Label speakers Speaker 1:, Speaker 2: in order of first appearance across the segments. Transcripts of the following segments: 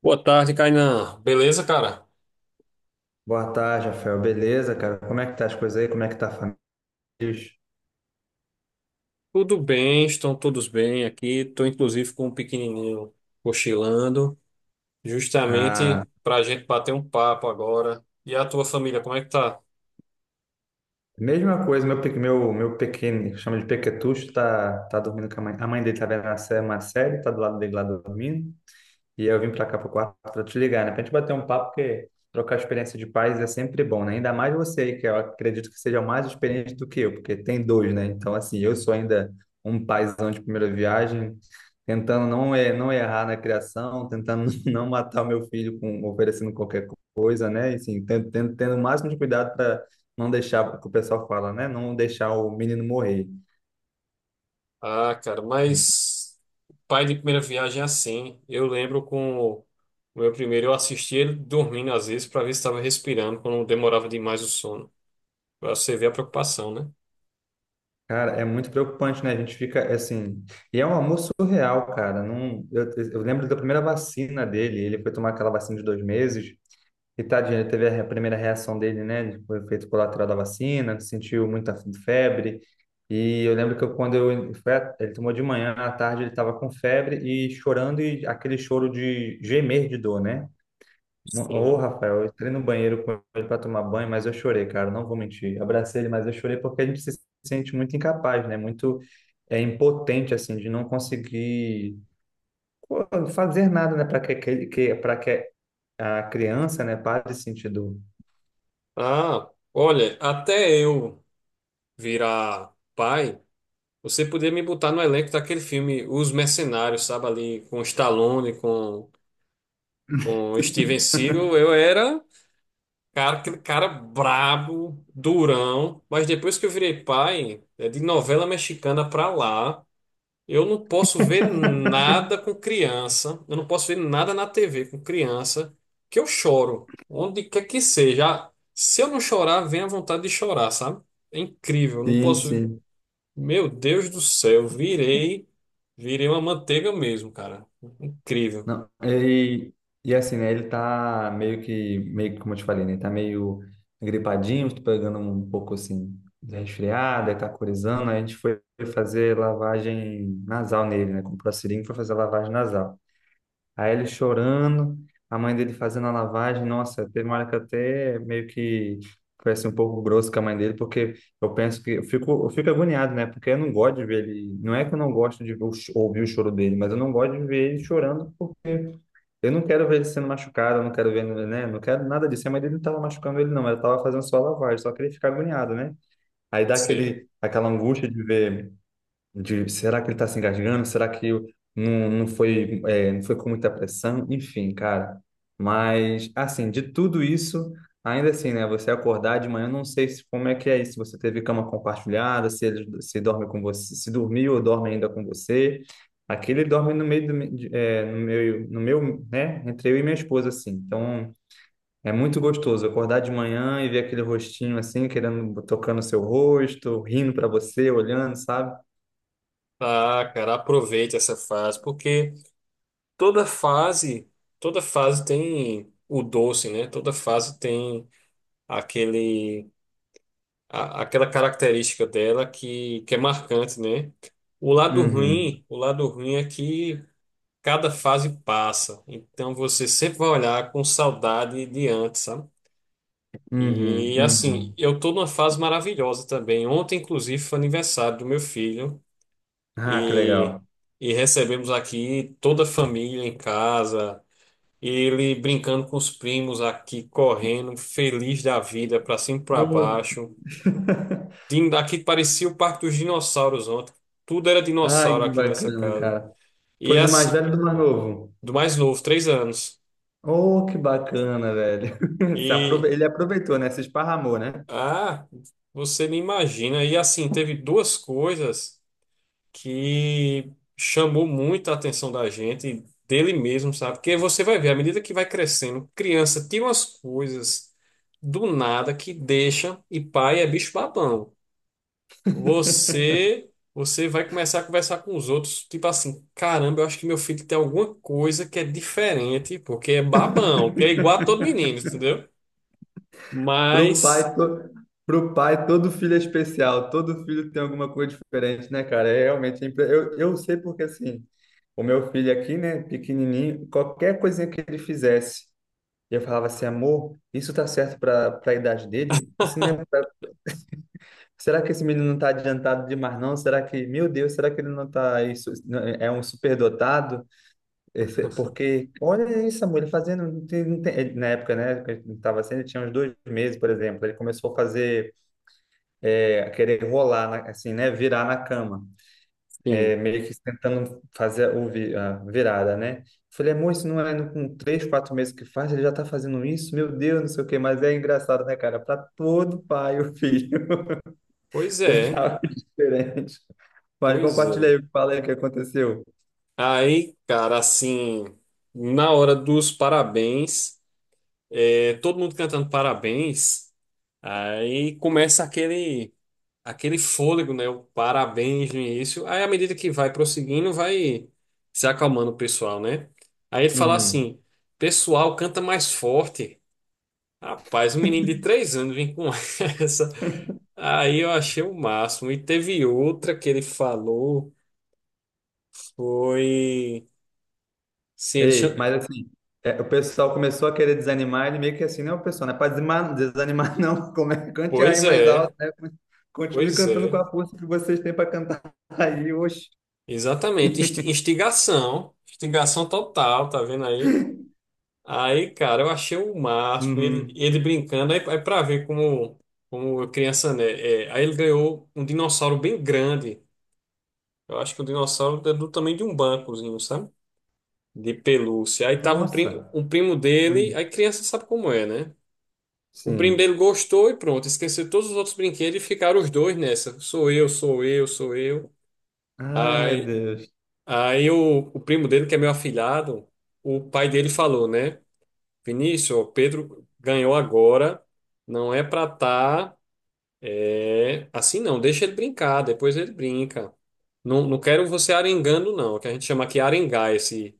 Speaker 1: Boa tarde, Kainan. Beleza, cara?
Speaker 2: Boa tarde, Rafael. Beleza, cara? Como é que tá as coisas aí? Como é que tá a família?
Speaker 1: Tudo bem, estão todos bem aqui. Estou inclusive com um pequenininho cochilando,
Speaker 2: Ah,
Speaker 1: justamente para a gente bater um papo agora. E a tua família, como é que tá?
Speaker 2: mesma coisa, meu, meu pequeno, que chama de pequetucho, tá dormindo com a mãe. A mãe dele tá vendo uma série, tá do lado dele lá dormindo. E eu vim pra cá pro quarto pra te ligar, né? Pra gente bater um papo, porque trocar experiência de pais é sempre bom, né? Ainda mais você aí, que eu acredito que seja mais experiente do que eu, porque tem dois, né? Então, assim, eu sou ainda um paizão de primeira viagem, tentando não errar na criação, tentando não matar o meu filho com oferecendo qualquer coisa, né? E, assim, tendo o máximo de cuidado para não deixar, o que o pessoal fala, né? Não deixar o menino morrer.
Speaker 1: Ah, cara, mas pai de primeira viagem é assim. Eu lembro com o meu primeiro, eu assisti ele dormindo às vezes para ver se estava respirando, quando demorava demais o sono. Para você ver a preocupação, né?
Speaker 2: Cara, é muito preocupante, né? A gente fica é assim. E é um amor surreal, cara. Não, eu lembro da primeira vacina dele. Ele foi tomar aquela vacina de 2 meses. E tadinho, ele teve a primeira reação dele, né? Foi efeito colateral da vacina, sentiu muita febre. E eu lembro que eu, quando eu, foi, a- ele tomou de manhã, à tarde ele estava com febre e chorando, e aquele choro de gemer de dor, né? Ô,
Speaker 1: Sim.
Speaker 2: Rafael, eu entrei no banheiro com ele para tomar banho, mas eu chorei, cara, não vou mentir. Abracei ele, mas eu chorei porque a gente se sente muito incapaz, né? Muito impotente, assim, de não conseguir pô, fazer nada, né? Para que a criança, né, pare de sentir dor.
Speaker 1: Ah, olha, até eu virar pai. Você podia me botar no elenco daquele filme Os Mercenários, sabe? Ali com Stallone, com Steven Seagal. Eu era, cara, aquele cara brabo, durão. Mas depois que eu virei pai, é de novela mexicana pra lá, eu não posso ver nada com criança. Eu não posso ver nada na TV com criança, que eu choro. Onde quer que seja. Se eu não chorar, vem a vontade de chorar, sabe? É incrível. Não
Speaker 2: Sim,
Speaker 1: posso.
Speaker 2: sim.
Speaker 1: Meu Deus do céu, virei, virei uma manteiga mesmo, cara. Incrível.
Speaker 2: Não, e assim, né? Ele tá meio que, como eu te falei, né? Ele tá meio gripadinho, tô pegando um pouco assim, de resfriado, aí tá corizando. Aí a gente foi fazer lavagem nasal nele, né? Comprou a seringa e foi fazer a lavagem nasal. Aí ele chorando, a mãe dele fazendo a lavagem. Nossa, teve uma hora que eu até meio que foi assim, um pouco grosso com a mãe dele, porque eu penso que eu fico agoniado, né? Porque eu não gosto de ver ele. Não é que eu não gosto de ouvir o choro dele, mas eu não gosto de ver ele chorando porque eu não quero ver ele sendo machucado, eu não quero ver, né? Não quero nada disso. A mãe dele não estava machucando ele, não. Ela estava fazendo só a lavagem, só que ele fica agoniado, né? Aí dá
Speaker 1: Você...
Speaker 2: aquela angústia de ver, de será que ele está se engasgando? Não, não foi, não foi com muita pressão? Enfim, cara. Mas, assim, de tudo isso, ainda assim, né? Você acordar de manhã, eu não sei se, como é que é isso. Se você teve cama compartilhada, se ele se dorme com você, se dormiu ou dorme ainda com você. Aqui ele dorme no meio do, me- de- é, no meu, no meu, né? Entre eu e minha esposa, assim. Então, é muito gostoso acordar de manhã e ver aquele rostinho assim, querendo, tocando o seu rosto, rindo para você, olhando, sabe?
Speaker 1: Ah, cara, aproveite essa fase, porque toda fase, toda fase tem o doce, né? Toda fase tem aquele, aquela característica dela que é marcante, né?
Speaker 2: Uhum.
Speaker 1: O lado ruim é que cada fase passa, então você sempre vai olhar com saudade de antes, sabe?
Speaker 2: Uhum,
Speaker 1: E assim,
Speaker 2: uhum.
Speaker 1: eu tô numa fase maravilhosa também. Ontem, inclusive, foi aniversário do meu filho
Speaker 2: Ah, que
Speaker 1: e,
Speaker 2: legal.
Speaker 1: e recebemos aqui toda a família em casa. Ele brincando com os primos aqui, correndo, feliz da vida, pra cima e pra
Speaker 2: Oh.
Speaker 1: baixo. Aqui parecia o Parque dos Dinossauros ontem. Tudo era
Speaker 2: Ai,
Speaker 1: dinossauro
Speaker 2: que
Speaker 1: aqui nessa
Speaker 2: bacana,
Speaker 1: casa.
Speaker 2: cara.
Speaker 1: E
Speaker 2: Foi do mais
Speaker 1: as,
Speaker 2: velho e do mais novo.
Speaker 1: do mais novo, 3 anos.
Speaker 2: Oh, que bacana, velho. Se aprove-
Speaker 1: E,
Speaker 2: Ele aproveitou, né? Se esparramou, né?
Speaker 1: ah, você nem imagina. E assim, teve duas coisas, que chamou muito a atenção da gente, dele mesmo, sabe? Porque você vai ver, à medida que vai crescendo, criança tem umas coisas do nada que deixa, e pai é bicho babão. Você vai começar a conversar com os outros, tipo assim, caramba, eu acho que meu filho tem alguma coisa que é diferente, porque é babão, que é igual a todo menino, entendeu?
Speaker 2: Pro
Speaker 1: Mas,
Speaker 2: pai, to... Pro pai, todo filho é especial. Todo filho tem alguma coisa diferente, né, cara? É realmente... é impre- eu sei porque, assim, o meu filho aqui, né, pequenininho, qualquer coisinha que ele fizesse, eu falava assim, amor, isso tá certo para a idade dele? Isso não é Será que esse menino não está adiantado demais, não? Será que, meu Deus, será que ele não está isso, é um superdotado? Porque, olha isso, amor, ele fazendo, não tem- não tem- ele- na época, né, que ele estava sendo, ele tinha uns 2 meses, por exemplo, ele começou a fazer, querer rolar, assim, né, virar na cama,
Speaker 1: sim.
Speaker 2: meio que tentando fazer a virada, né? Falei, amor, isso não é com 3, 4 meses que faz, ele já está fazendo isso? Meu Deus, não sei o quê, mas é engraçado, né, cara? Para todo pai, o filho
Speaker 1: Pois
Speaker 2: tem
Speaker 1: é,
Speaker 2: algo diferente. Mas
Speaker 1: pois
Speaker 2: compartilha
Speaker 1: é.
Speaker 2: aí o que fala aí o que aconteceu.
Speaker 1: Aí, cara, assim, na hora dos parabéns, é, todo mundo cantando parabéns, aí começa aquele, aquele fôlego, né? O parabéns no início. Aí, à medida que vai prosseguindo, vai se acalmando o pessoal, né? Aí ele fala
Speaker 2: Uhum.
Speaker 1: assim: pessoal, canta mais forte. Rapaz, um menino de 3 anos vem com essa. Aí eu achei o máximo. E teve outra que ele falou, foi. Sim, ele
Speaker 2: Ei,
Speaker 1: chama...
Speaker 2: mas assim, o pessoal começou a querer desanimar, ele meio que assim, não, pessoal, não é para desanimar, desanimar não, como é, cante aí
Speaker 1: Pois
Speaker 2: mais alto,
Speaker 1: é.
Speaker 2: né? Continue
Speaker 1: Pois
Speaker 2: cantando com
Speaker 1: é,
Speaker 2: a força que vocês têm para cantar aí, oxe.
Speaker 1: exatamente. Instigação, instigação total, tá vendo aí? Aí, cara, eu achei o máximo,
Speaker 2: Uhum.
Speaker 1: ele brincando, aí pra ver como, como criança, né? É, aí ele ganhou um dinossauro bem grande. Eu acho que o dinossauro é do tamanho de um bancozinho, sabe? De pelúcia. Aí tava um,
Speaker 2: Nossa.
Speaker 1: um primo dele,
Speaker 2: Uhum.
Speaker 1: aí criança sabe como é, né? O primo dele
Speaker 2: Sim.
Speaker 1: gostou e pronto, esqueceu todos os outros brinquedos e ficaram os dois nessa. Sou eu, sou eu, sou eu.
Speaker 2: Ai, meu
Speaker 1: aí
Speaker 2: Deus.
Speaker 1: Aí o primo dele, que é meu afilhado, o pai dele falou, né? Vinícius, ó, Pedro ganhou agora, não é pra tá é, assim não, deixa ele brincar, depois ele brinca. Não, não quero você arengando não, que a gente chama aqui arengar esse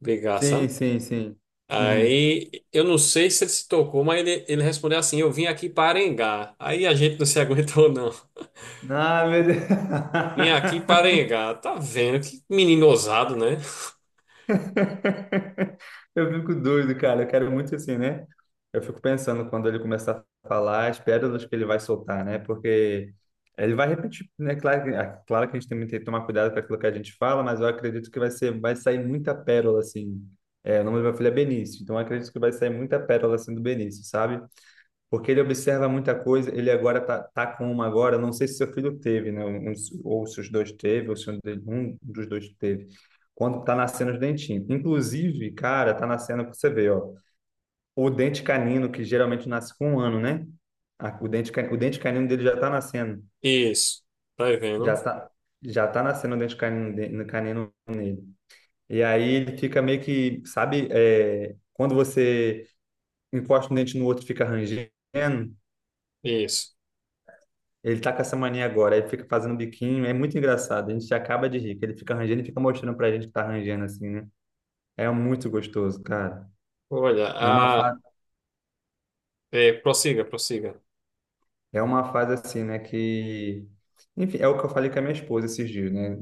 Speaker 1: brigar, sabe?
Speaker 2: Sim, sim, sim. Uhum.
Speaker 1: Aí eu não sei se ele se tocou, mas ele respondeu assim: Eu vim aqui para arengar. Aí a gente não se aguentou, não.
Speaker 2: Ah, meu Deus.
Speaker 1: Vim aqui para arengar. Tá vendo? Que menino ousado, né?
Speaker 2: Eu fico doido, cara. Eu quero muito assim, né? Eu fico pensando quando ele começar a falar as pérolas que ele vai soltar, né? Porque ele vai repetir, né? É claro que a gente também tem que tomar cuidado com aquilo que a gente fala, mas eu acredito que vai ser, vai sair muita pérola, assim. É, o nome do meu filho é Benício, então eu acredito que vai sair muita pérola, assim, do Benício, sabe? Porque ele observa muita coisa, ele agora tá com uma agora, não sei se seu filho teve, né? Ou se os dois teve, ou se um dos dois teve. Quando tá nascendo os dentinhos. Inclusive, cara, tá nascendo, você vê, ó, o dente canino, que geralmente nasce com 1 ano, né? O dente canino dele já tá nascendo.
Speaker 1: Isso. Tá vendo?
Speaker 2: Já tá, já tá nascendo o dente canino, no canino nele. E aí ele fica meio que, sabe, quando você encosta um dente no outro, e fica rangendo.
Speaker 1: Isso.
Speaker 2: Ele tá com essa mania agora, ele fica fazendo biquinho, é muito engraçado. A gente acaba de rir, que ele fica arranjando e fica mostrando pra gente que tá arranjando assim, né? É muito gostoso, cara.
Speaker 1: Olha,
Speaker 2: É uma fase,
Speaker 1: ah, é, prossiga.
Speaker 2: é uma fase assim, né, que enfim, é o que eu falei com a minha esposa esses dias, né?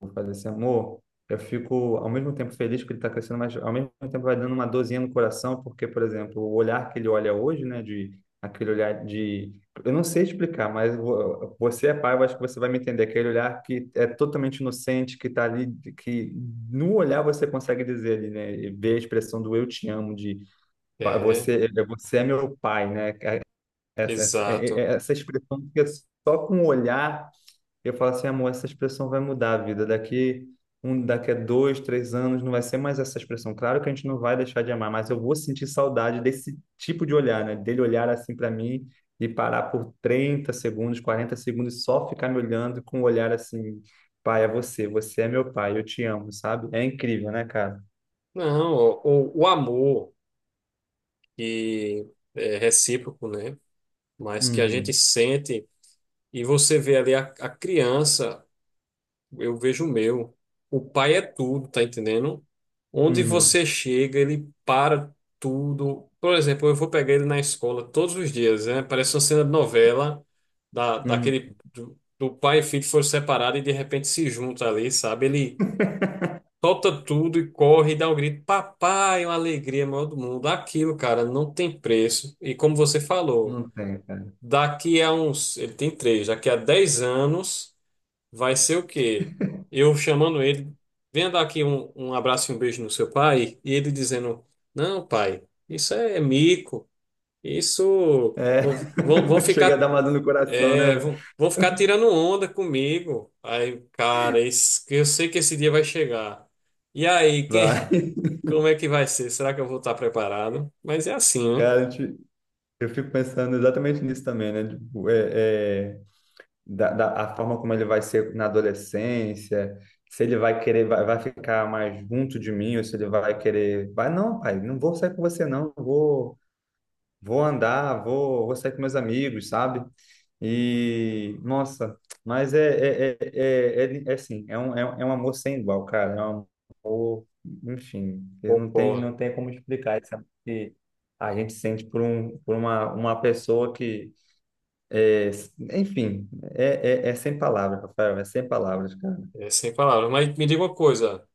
Speaker 2: Vou fazer assim, amor, eu fico ao mesmo tempo feliz que ele está crescendo, mas ao mesmo tempo vai dando uma dorzinha no coração, porque, por exemplo, o olhar que ele olha hoje, né, de aquele olhar de, eu não sei explicar, mas você é pai, eu acho que você vai me entender, aquele olhar que é totalmente inocente, que está ali, que no olhar você consegue dizer ali, né, e ver a expressão do eu te amo, de
Speaker 1: É,
Speaker 2: você, você é meu pai, né, essa, essa, é- é-
Speaker 1: exato.
Speaker 2: é essa expressão que é só com o olhar eu falo assim, amor, essa expressão vai mudar a vida. Daqui a 2, 3 anos, não vai ser mais essa expressão. Claro que a gente não vai deixar de amar, mas eu vou sentir saudade desse tipo de olhar, né? Dele olhar assim para mim e parar por 30 segundos, 40 segundos, e só ficar me olhando com um olhar assim, pai, é você, você é meu pai, eu te amo, sabe? É incrível, né, cara?
Speaker 1: Não, o amor que é recíproco, né? Mas que a gente
Speaker 2: Uhum,
Speaker 1: sente e você vê ali a criança, eu vejo o meu. O pai é tudo, tá entendendo? Onde
Speaker 2: uhum,
Speaker 1: você chega, ele para tudo. Por exemplo, eu vou pegar ele na escola todos os dias, né? Parece uma cena de novela
Speaker 2: uhum.
Speaker 1: daquele do pai e filho que foram separados e de repente se juntam ali, sabe? Ele solta tudo e corre e dá um grito. Papai, é uma alegria maior do mundo. Aquilo, cara, não tem preço. E como você falou,
Speaker 2: Não tem, cara.
Speaker 1: daqui a uns, ele tem três, daqui a 10 anos, vai ser o quê? Eu chamando ele, venha dar aqui um abraço e um beijo no seu pai, e ele dizendo: Não, pai, isso é mico, isso.
Speaker 2: É,
Speaker 1: Vão, vão vão
Speaker 2: chega a
Speaker 1: ficar,
Speaker 2: dar uma dor no coração, né?
Speaker 1: vão ficar tirando onda comigo. Aí, cara, isso, eu sei que esse dia vai chegar. E aí, quem
Speaker 2: Vai.
Speaker 1: como é que vai ser? Será que eu vou estar preparado? Mas é assim, né?
Speaker 2: Cara, eu fico pensando exatamente nisso também, né? Tipo, a forma como ele vai ser na adolescência, se ele vai querer, vai ficar mais junto de mim, ou se ele vai querer, não, pai, não vou sair com você, não, eu vou andar, vou sair com meus amigos, sabe? E, nossa, mas é assim, é um amor sem igual, cara. É um amor, enfim, eu não tem,
Speaker 1: Concordo.
Speaker 2: não tem como explicar isso que a gente sente por uma pessoa que, é, enfim, é sem palavras, Rafael, é sem palavras, cara.
Speaker 1: É sem palavras. Mas me diga uma coisa: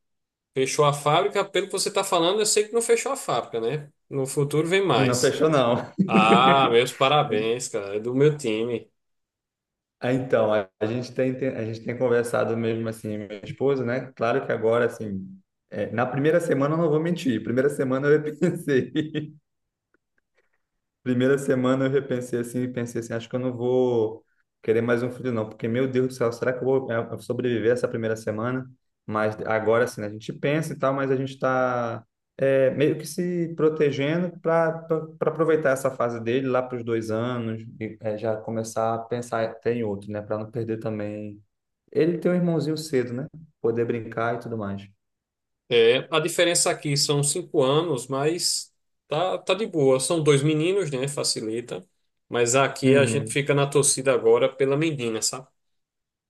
Speaker 1: fechou a fábrica? Pelo que você está falando, eu sei que não fechou a fábrica, né? No futuro vem
Speaker 2: Não
Speaker 1: mais.
Speaker 2: fechou, não.
Speaker 1: Ah, meus parabéns, cara. É do meu time.
Speaker 2: Ah, então, a gente tem conversado mesmo assim, minha esposa, né? Claro que agora, assim, na primeira semana eu não vou mentir. Primeira semana eu pensei. Primeira semana eu repensei assim, e pensei assim, acho que eu não vou querer mais um filho não, porque meu Deus do céu, será que eu vou sobreviver essa primeira semana? Mas agora assim, né, a gente pensa e tal, mas a gente está meio que se protegendo para aproveitar essa fase dele lá para os 2 anos e já começar a pensar até em outro, né, para não perder também. Ele tem um irmãozinho cedo, né? Poder brincar e tudo mais.
Speaker 1: É, a diferença aqui são 5 anos, mas tá de boa. São dois meninos, né? Facilita. Mas aqui a gente
Speaker 2: Uhum.
Speaker 1: fica na torcida agora pela menina, sabe?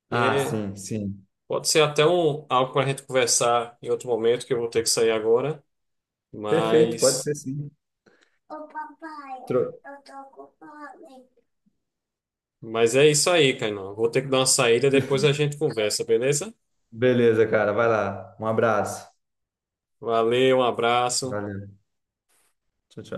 Speaker 2: Ah,
Speaker 1: É,
Speaker 2: sim, sim.
Speaker 1: pode ser até um, algo para a gente conversar em outro momento, que eu vou ter que sair agora.
Speaker 2: Perfeito, pode
Speaker 1: Mas,
Speaker 2: ser sim. Tro...
Speaker 1: mas é isso aí, Kainan. Vou ter que dar uma saída, depois a gente conversa, beleza?
Speaker 2: Beleza, cara. Vai lá. Um abraço.
Speaker 1: Valeu, um abraço.
Speaker 2: Valeu. Tchau, tchau.